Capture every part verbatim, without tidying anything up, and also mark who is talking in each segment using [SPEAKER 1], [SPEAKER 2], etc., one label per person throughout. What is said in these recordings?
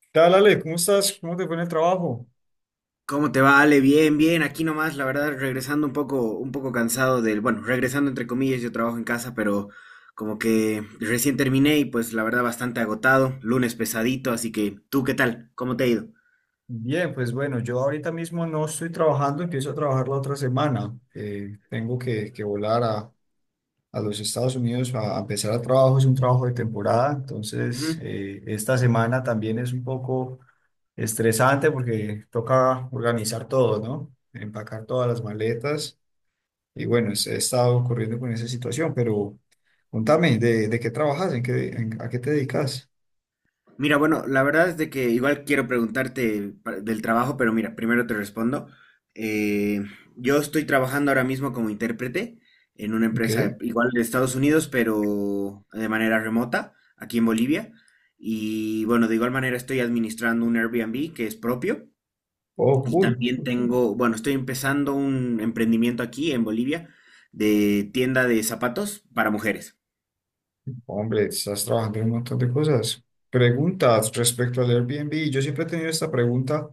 [SPEAKER 1] ¿Qué tal, Ale? ¿Cómo estás? ¿Cómo te fue en el trabajo?
[SPEAKER 2] ¿Cómo te va, Ale? Bien, bien. Aquí nomás, la verdad, regresando un poco, un poco cansado del, bueno, regresando entre comillas, yo trabajo en casa, pero como que recién terminé y pues la verdad bastante agotado, lunes pesadito, así que, ¿tú qué tal? ¿Cómo te ha ido?
[SPEAKER 1] Bien, pues bueno, yo ahorita mismo no estoy trabajando, empiezo a trabajar la otra semana. Eh, tengo que, que volar a, a los Estados Unidos a, a empezar el trabajo. Es un trabajo de temporada, entonces
[SPEAKER 2] Ujú.
[SPEAKER 1] eh, esta semana también es un poco estresante porque toca organizar todo, ¿no? Empacar todas las maletas y bueno, es- he estado corriendo con esa situación. Pero contame, ¿de, de qué trabajas? ¿En qué, en- a qué te dedicas?
[SPEAKER 2] Mira, bueno, la verdad es de que igual quiero preguntarte pa- del trabajo, pero mira, primero te respondo. Eh, yo estoy trabajando ahora mismo como intérprete en una
[SPEAKER 1] Ok,
[SPEAKER 2] empresa igual de Estados Unidos, pero de manera remota, aquí en Bolivia. Y bueno, de igual manera estoy administrando un Airbnb que es propio.
[SPEAKER 1] oh,
[SPEAKER 2] Y
[SPEAKER 1] cool.
[SPEAKER 2] también tengo, bueno, estoy empezando un emprendimiento aquí en Bolivia de tienda de zapatos para mujeres.
[SPEAKER 1] Hombre, estás trabajando en un montón de cosas. Preguntas respecto al Airbnb. Yo siempre he tenido esta pregunta.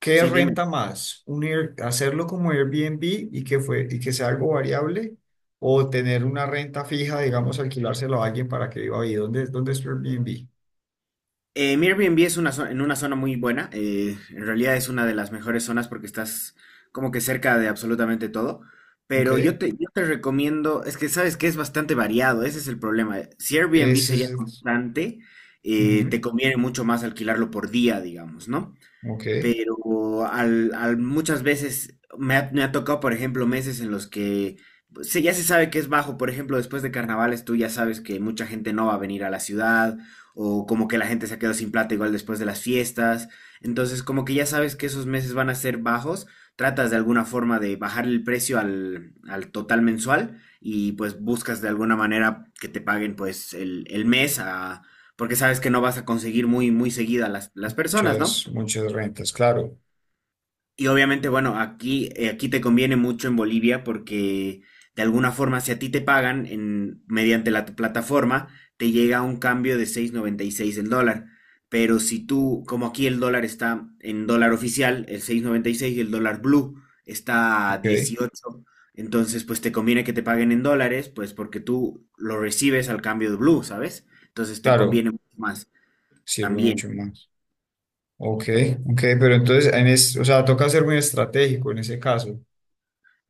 [SPEAKER 1] ¿Qué
[SPEAKER 2] Sí, dime.
[SPEAKER 1] renta más? ¿Un Air- Hacerlo como Airbnb y que fue, y que sea algo variable? ¿O tener una renta fija, digamos, alquilárselo a alguien para que viva ahí? ¿Dónde, dónde es tu Airbnb?
[SPEAKER 2] Eh, mi Airbnb es una zo- en una zona muy buena. Eh, en realidad es una de las mejores zonas porque estás como que cerca de absolutamente todo. Pero
[SPEAKER 1] Ok.
[SPEAKER 2] yo te, yo te recomiendo, es que sabes que es bastante variado, ese es el problema. Si Airbnb
[SPEAKER 1] Ese
[SPEAKER 2] sería
[SPEAKER 1] es,
[SPEAKER 2] constante, eh,
[SPEAKER 1] Ujú.
[SPEAKER 2] te conviene mucho más alquilarlo por día, digamos, ¿no?
[SPEAKER 1] Ok.
[SPEAKER 2] Pero al, al- muchas veces me ha, me ha tocado, por ejemplo, meses en los que pues, se, ya se sabe que es bajo, por ejemplo, después de carnavales tú ya sabes que mucha gente no va a venir a la ciudad o como que la gente se ha quedado sin plata igual después de las fiestas, entonces como que ya sabes que esos meses van a ser bajos, tratas de alguna forma de bajar el precio al, al total mensual y pues buscas de alguna manera que te paguen pues el, el mes a... Porque sabes que no vas a conseguir muy, muy seguida las, las personas, ¿no?
[SPEAKER 1] Muchas, muchas rentas, claro.
[SPEAKER 2] Y obviamente, bueno, aquí, eh, aquí te conviene mucho en Bolivia porque de alguna forma, si a ti te pagan en, mediante la t- plataforma, te llega un cambio de seis noventa y seis el dólar. Pero si tú, como aquí el dólar está en dólar oficial, el seis noventa y seis y el dólar blue está a
[SPEAKER 1] Ok.
[SPEAKER 2] dieciocho, entonces pues te conviene que te paguen en dólares, pues porque tú lo recibes al cambio de blue, ¿sabes? Entonces te
[SPEAKER 1] Claro,
[SPEAKER 2] conviene mucho más
[SPEAKER 1] sirve
[SPEAKER 2] también.
[SPEAKER 1] mucho más. Ok, ok, pero entonces, en es, o sea, toca ser muy estratégico en ese caso.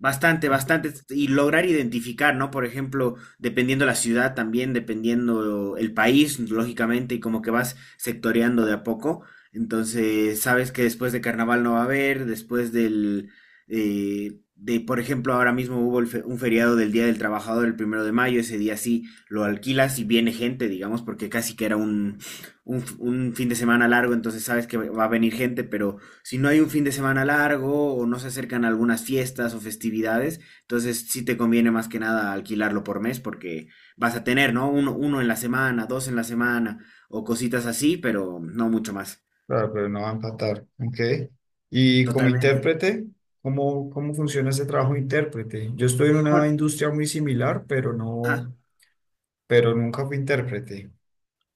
[SPEAKER 2] Bastante, bastante. Y lograr identificar, ¿no? Por ejemplo, dependiendo la ciudad también, dependiendo el país, lógicamente, y como que vas sectoreando de a poco. Entonces, sabes que después de carnaval no va a haber, después del, eh, de, por ejemplo, ahora mismo hubo el fe- un feriado del Día del Trabajador, el primero de mayo, ese día sí lo alquilas y viene gente, digamos, porque casi que era un, un, f- un fin de semana largo, entonces sabes que va a venir gente, pero si no hay un fin de semana largo o no se acercan algunas fiestas o festividades, entonces sí te conviene más que nada alquilarlo por mes porque vas a tener, ¿no? Uno, uno en la semana, dos en la semana o cositas así, pero no mucho más.
[SPEAKER 1] Claro, pero no va a empatar. Ok. Y como
[SPEAKER 2] Totalmente.
[SPEAKER 1] intérprete, ¿cómo, cómo funciona ese trabajo de intérprete? Yo estoy en una
[SPEAKER 2] Bueno,
[SPEAKER 1] industria muy similar, pero
[SPEAKER 2] ajá.
[SPEAKER 1] no, pero nunca fui intérprete.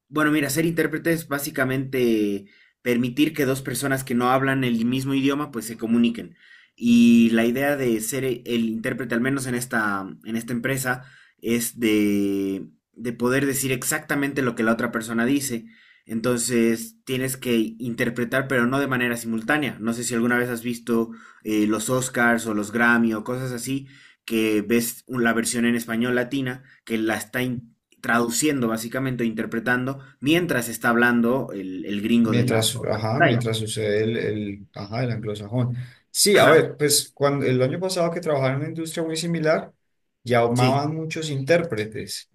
[SPEAKER 2] Bueno, mira, ser intérprete es básicamente permitir que dos personas que no hablan el mismo idioma pues se comuniquen. Y la idea de ser e- el intérprete, al menos en esta, en esta empresa, es de, de poder decir exactamente lo que la otra persona dice. Entonces tienes que interpretar, pero no de manera simultánea. No sé si alguna vez has visto eh, los Oscars o los Grammy o cosas así, que ves un- la versión en español latina, que la está in- traduciendo básicamente, interpretando, mientras está hablando el, el gringo de la
[SPEAKER 1] Mientras,
[SPEAKER 2] otra
[SPEAKER 1] ajá,
[SPEAKER 2] pantalla.
[SPEAKER 1] mientras sucede el, el, ajá, el anglosajón. Sí, a
[SPEAKER 2] Ajá,
[SPEAKER 1] ver, pues cuando el año pasado que trabajaba en una industria muy similar,
[SPEAKER 2] sí,
[SPEAKER 1] llamaban muchos intérpretes,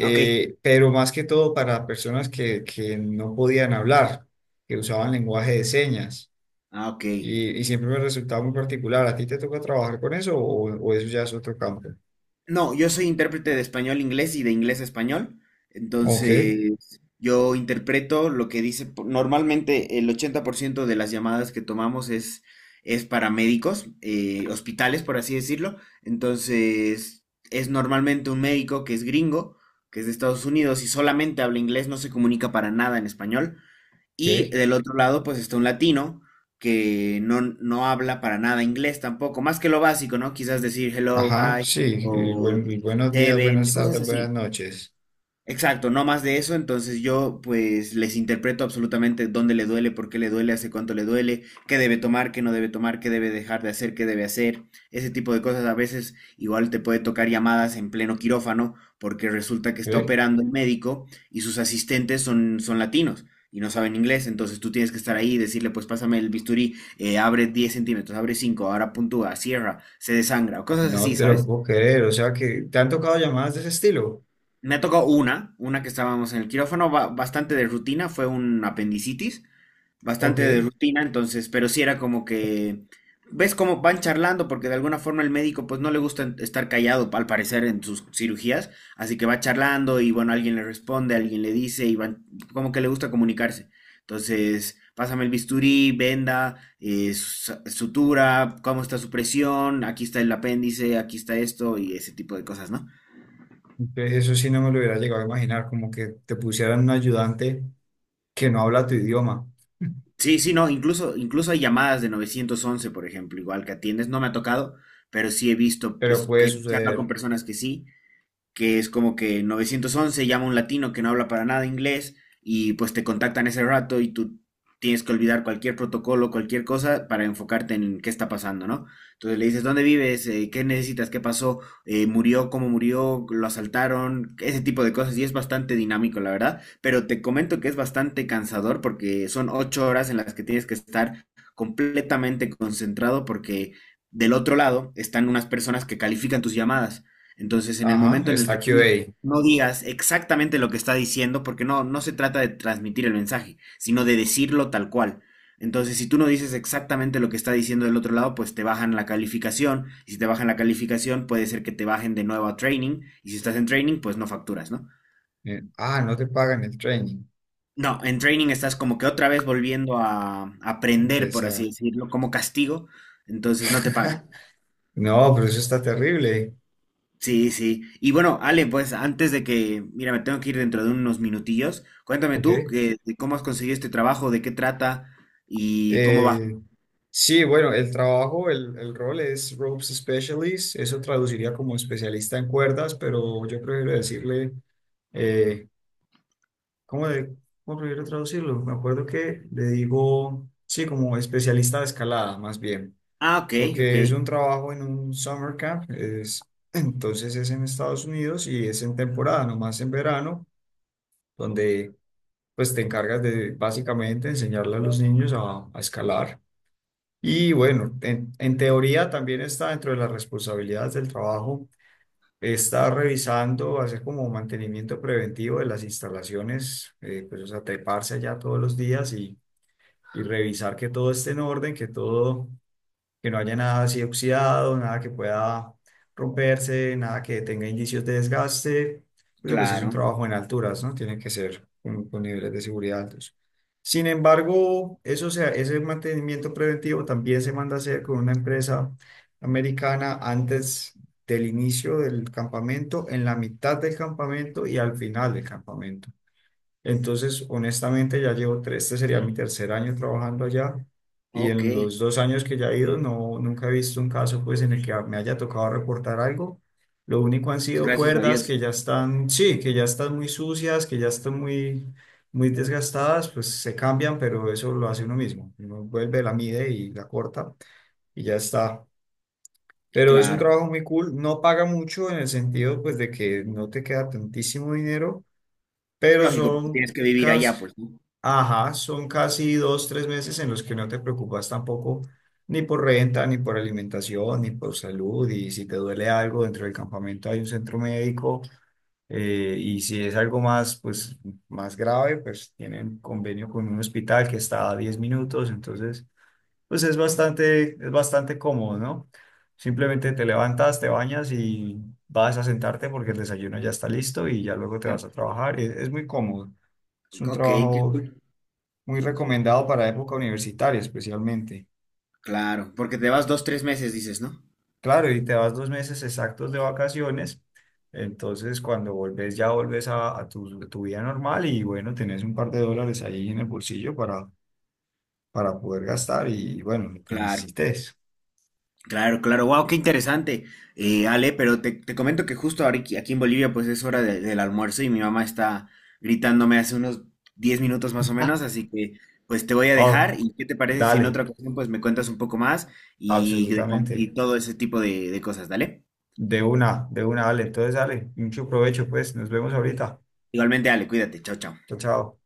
[SPEAKER 2] ok,
[SPEAKER 1] pero más que todo para personas que, que no podían hablar, que usaban lenguaje de señas.
[SPEAKER 2] ah, ok.
[SPEAKER 1] Y, y siempre me resultaba muy particular. ¿A ti te toca trabajar con eso o, o eso ya es otro campo?
[SPEAKER 2] No, yo soy intérprete de español a inglés y de inglés a español,
[SPEAKER 1] Ok,
[SPEAKER 2] entonces yo interpreto lo que dice, po- normalmente el ochenta por ciento de las llamadas que tomamos es, es para médicos, eh, hospitales, por así decirlo, entonces es normalmente un médico que es gringo, que es de Estados Unidos y solamente habla inglés, no se comunica para nada en español. Y
[SPEAKER 1] ok.
[SPEAKER 2] del otro lado, pues está un latino que no, no habla para nada inglés tampoco, más que lo básico, ¿no? Quizás decir hello,
[SPEAKER 1] Ajá,
[SPEAKER 2] hi,
[SPEAKER 1] sí. y
[SPEAKER 2] o
[SPEAKER 1] buen- y buenos días,
[SPEAKER 2] seven,
[SPEAKER 1] buenas
[SPEAKER 2] cosas
[SPEAKER 1] tardes, buenas
[SPEAKER 2] así.
[SPEAKER 1] noches.
[SPEAKER 2] Exacto, no más de eso, entonces yo pues les interpreto absolutamente dónde le duele, por qué le duele, hace cuánto le duele, qué debe tomar, qué no debe tomar, qué debe dejar de hacer, qué debe hacer, ese tipo de cosas. A veces igual te puede tocar llamadas en pleno quirófano porque resulta que está
[SPEAKER 1] Ok.
[SPEAKER 2] operando el médico y sus asistentes son, son latinos y no saben inglés, entonces tú tienes que estar ahí y decirle pues pásame el bisturí, eh, abre diez centímetros, abre cinco, ahora puntúa, cierra, se desangra, o cosas
[SPEAKER 1] No
[SPEAKER 2] así,
[SPEAKER 1] te lo
[SPEAKER 2] ¿sabes?
[SPEAKER 1] puedo creer. O sea que te han tocado llamadas de ese estilo.
[SPEAKER 2] Me ha tocado una, una que estábamos en el quirófano, ba- bastante de rutina, fue un apendicitis,
[SPEAKER 1] Ok,
[SPEAKER 2] bastante de rutina, entonces, pero sí era como que, ves cómo van charlando, porque de alguna forma el médico pues no le gusta en- estar callado, al parecer, en sus cirugías, así que va charlando y bueno, alguien le responde, alguien le dice y van, como que le gusta comunicarse. Entonces, pásame el bisturí, venda, eh, su- sutura, cómo está su presión, aquí está el apéndice, aquí está esto y ese tipo de cosas, ¿no?
[SPEAKER 1] entonces eso sí no me lo hubiera llegado a imaginar, como que te pusieran un ayudante que no habla tu idioma.
[SPEAKER 2] Sí, sí, no, incluso, incluso hay llamadas de novecientos once, por ejemplo, igual que atiendes, no me ha tocado, pero sí he visto,
[SPEAKER 1] Pero
[SPEAKER 2] pues, que
[SPEAKER 1] puede
[SPEAKER 2] he charlado con
[SPEAKER 1] suceder.
[SPEAKER 2] personas que sí, que es como que nueve once llama a un latino que no habla para nada inglés y pues te contactan ese rato y tú tienes que olvidar cualquier protocolo, cualquier cosa para enfocarte en qué está pasando, ¿no? Entonces le dices, ¿dónde vives? Eh, ¿Qué necesitas? ¿Qué pasó? Eh, ¿Murió? ¿Cómo murió? ¿Lo asaltaron? Ese tipo de cosas y es bastante dinámico, la verdad, pero te comento que es bastante cansador porque son ocho horas en las que tienes que estar completamente concentrado porque del otro lado están unas personas que califican tus llamadas. Entonces, en el
[SPEAKER 1] Ajá,
[SPEAKER 2] momento en el
[SPEAKER 1] está
[SPEAKER 2] que tú
[SPEAKER 1] Q A.
[SPEAKER 2] no digas exactamente lo que está diciendo, porque no, no se trata de transmitir el mensaje, sino de decirlo tal cual. Entonces, si tú no dices exactamente lo que está diciendo del otro lado, pues te bajan la calificación. Y si te bajan la calificación, puede ser que te bajen de nuevo a training. Y si estás en training, pues no facturas, ¿no?
[SPEAKER 1] Eh, Ah, no te pagan el training.
[SPEAKER 2] No, en training estás como que otra vez volviendo a aprender, por así
[SPEAKER 1] Empezar.
[SPEAKER 2] decirlo, como castigo. Entonces no te pagan.
[SPEAKER 1] No, pero eso está terrible.
[SPEAKER 2] Sí, sí. Y bueno, Ale, pues antes de que, mira, me tengo que ir dentro de unos minutillos, cuéntame tú
[SPEAKER 1] Ok.
[SPEAKER 2] que, de cómo has conseguido este trabajo, de qué trata y cómo va.
[SPEAKER 1] Eh, sí, bueno, el trabajo, el, el rol es Ropes Specialist. Eso traduciría como especialista en cuerdas, pero yo prefiero decirle, eh, ¿cómo, de- cómo prefiero traducirlo? Me acuerdo que le digo, sí, como especialista de escalada, más bien,
[SPEAKER 2] Ah, ok, ok,
[SPEAKER 1] porque es un trabajo en un summer camp. Es, entonces es en Estados Unidos y es en temporada, nomás en verano, donde pues te encargas de básicamente enseñarle a los niños a a escalar. Y bueno, en, en teoría también está dentro de las responsabilidades del trabajo, está revisando, hacer como mantenimiento preventivo de las instalaciones, eh, pues o sea, treparse allá todos los días y, y revisar que todo esté en orden, que todo que no haya nada así oxidado, nada que pueda romperse, nada que tenga indicios de desgaste, porque pues es un
[SPEAKER 2] claro,
[SPEAKER 1] trabajo en alturas, ¿no? Tiene que ser con, con niveles de seguridad altos. Sin embargo, eso sea, ese mantenimiento preventivo también se manda a hacer con una empresa americana antes del inicio del campamento, en la mitad del campamento y al final del campamento. Entonces, honestamente, ya llevo tres, este sería mi tercer año trabajando allá y
[SPEAKER 2] ok.
[SPEAKER 1] en los dos años que ya he ido, no, nunca he visto un caso pues en el que me haya tocado reportar algo. Lo único han
[SPEAKER 2] Pues
[SPEAKER 1] sido
[SPEAKER 2] gracias a
[SPEAKER 1] cuerdas
[SPEAKER 2] Dios,
[SPEAKER 1] que ya están, sí, que ya están muy sucias, que ya están muy, muy desgastadas, pues se cambian, pero eso lo hace uno mismo. Uno vuelve, la mide y la corta y ya está. Pero es un
[SPEAKER 2] claro.
[SPEAKER 1] trabajo muy cool, no paga mucho en el sentido pues de que no te queda tantísimo dinero, pero
[SPEAKER 2] Lógico, porque
[SPEAKER 1] son
[SPEAKER 2] tienes que vivir
[SPEAKER 1] casi,
[SPEAKER 2] allá, pues, ¿no?
[SPEAKER 1] ajá, son casi dos, tres meses en los que no te preocupas tampoco ni por renta, ni por alimentación, ni por salud. Y si te duele algo dentro del campamento hay un centro médico, eh, y si es algo más, pues, más grave, pues tienen convenio con un hospital que está a diez minutos. Entonces, pues es bastante, es bastante cómodo, ¿no? Simplemente te levantas, te bañas y vas a sentarte porque el desayuno ya está listo y ya luego te
[SPEAKER 2] Ajá.
[SPEAKER 1] vas a trabajar. Es, es muy cómodo. Es un
[SPEAKER 2] Ok, qué
[SPEAKER 1] trabajo
[SPEAKER 2] cool.
[SPEAKER 1] muy recomendado para época universitaria, especialmente.
[SPEAKER 2] Claro, porque te vas dos, tres meses, dices, ¿no?
[SPEAKER 1] Claro, y te vas dos meses exactos de vacaciones, entonces cuando volvés ya volvés a, a tu, tu vida normal y bueno, tenés un par de dólares ahí en el bolsillo para, para poder gastar y bueno, lo que
[SPEAKER 2] Claro.
[SPEAKER 1] necesites.
[SPEAKER 2] Claro, claro, wow, qué interesante, eh, Ale, pero te, te comento que justo ahora aquí aquí en Bolivia pues es hora de- del almuerzo y mi mamá está gritándome hace unos diez minutos más o
[SPEAKER 1] Ah,
[SPEAKER 2] menos, así que pues te voy a
[SPEAKER 1] ah,
[SPEAKER 2] dejar y qué te parece si en otra
[SPEAKER 1] dale,
[SPEAKER 2] ocasión pues me cuentas un poco más y, de- y
[SPEAKER 1] absolutamente.
[SPEAKER 2] todo ese tipo de, de cosas, dale.
[SPEAKER 1] De una, de una, dale. Entonces, dale, mucho provecho, pues. Nos vemos ahorita.
[SPEAKER 2] Igualmente, Ale, cuídate, chao, chao.
[SPEAKER 1] Chao, chao.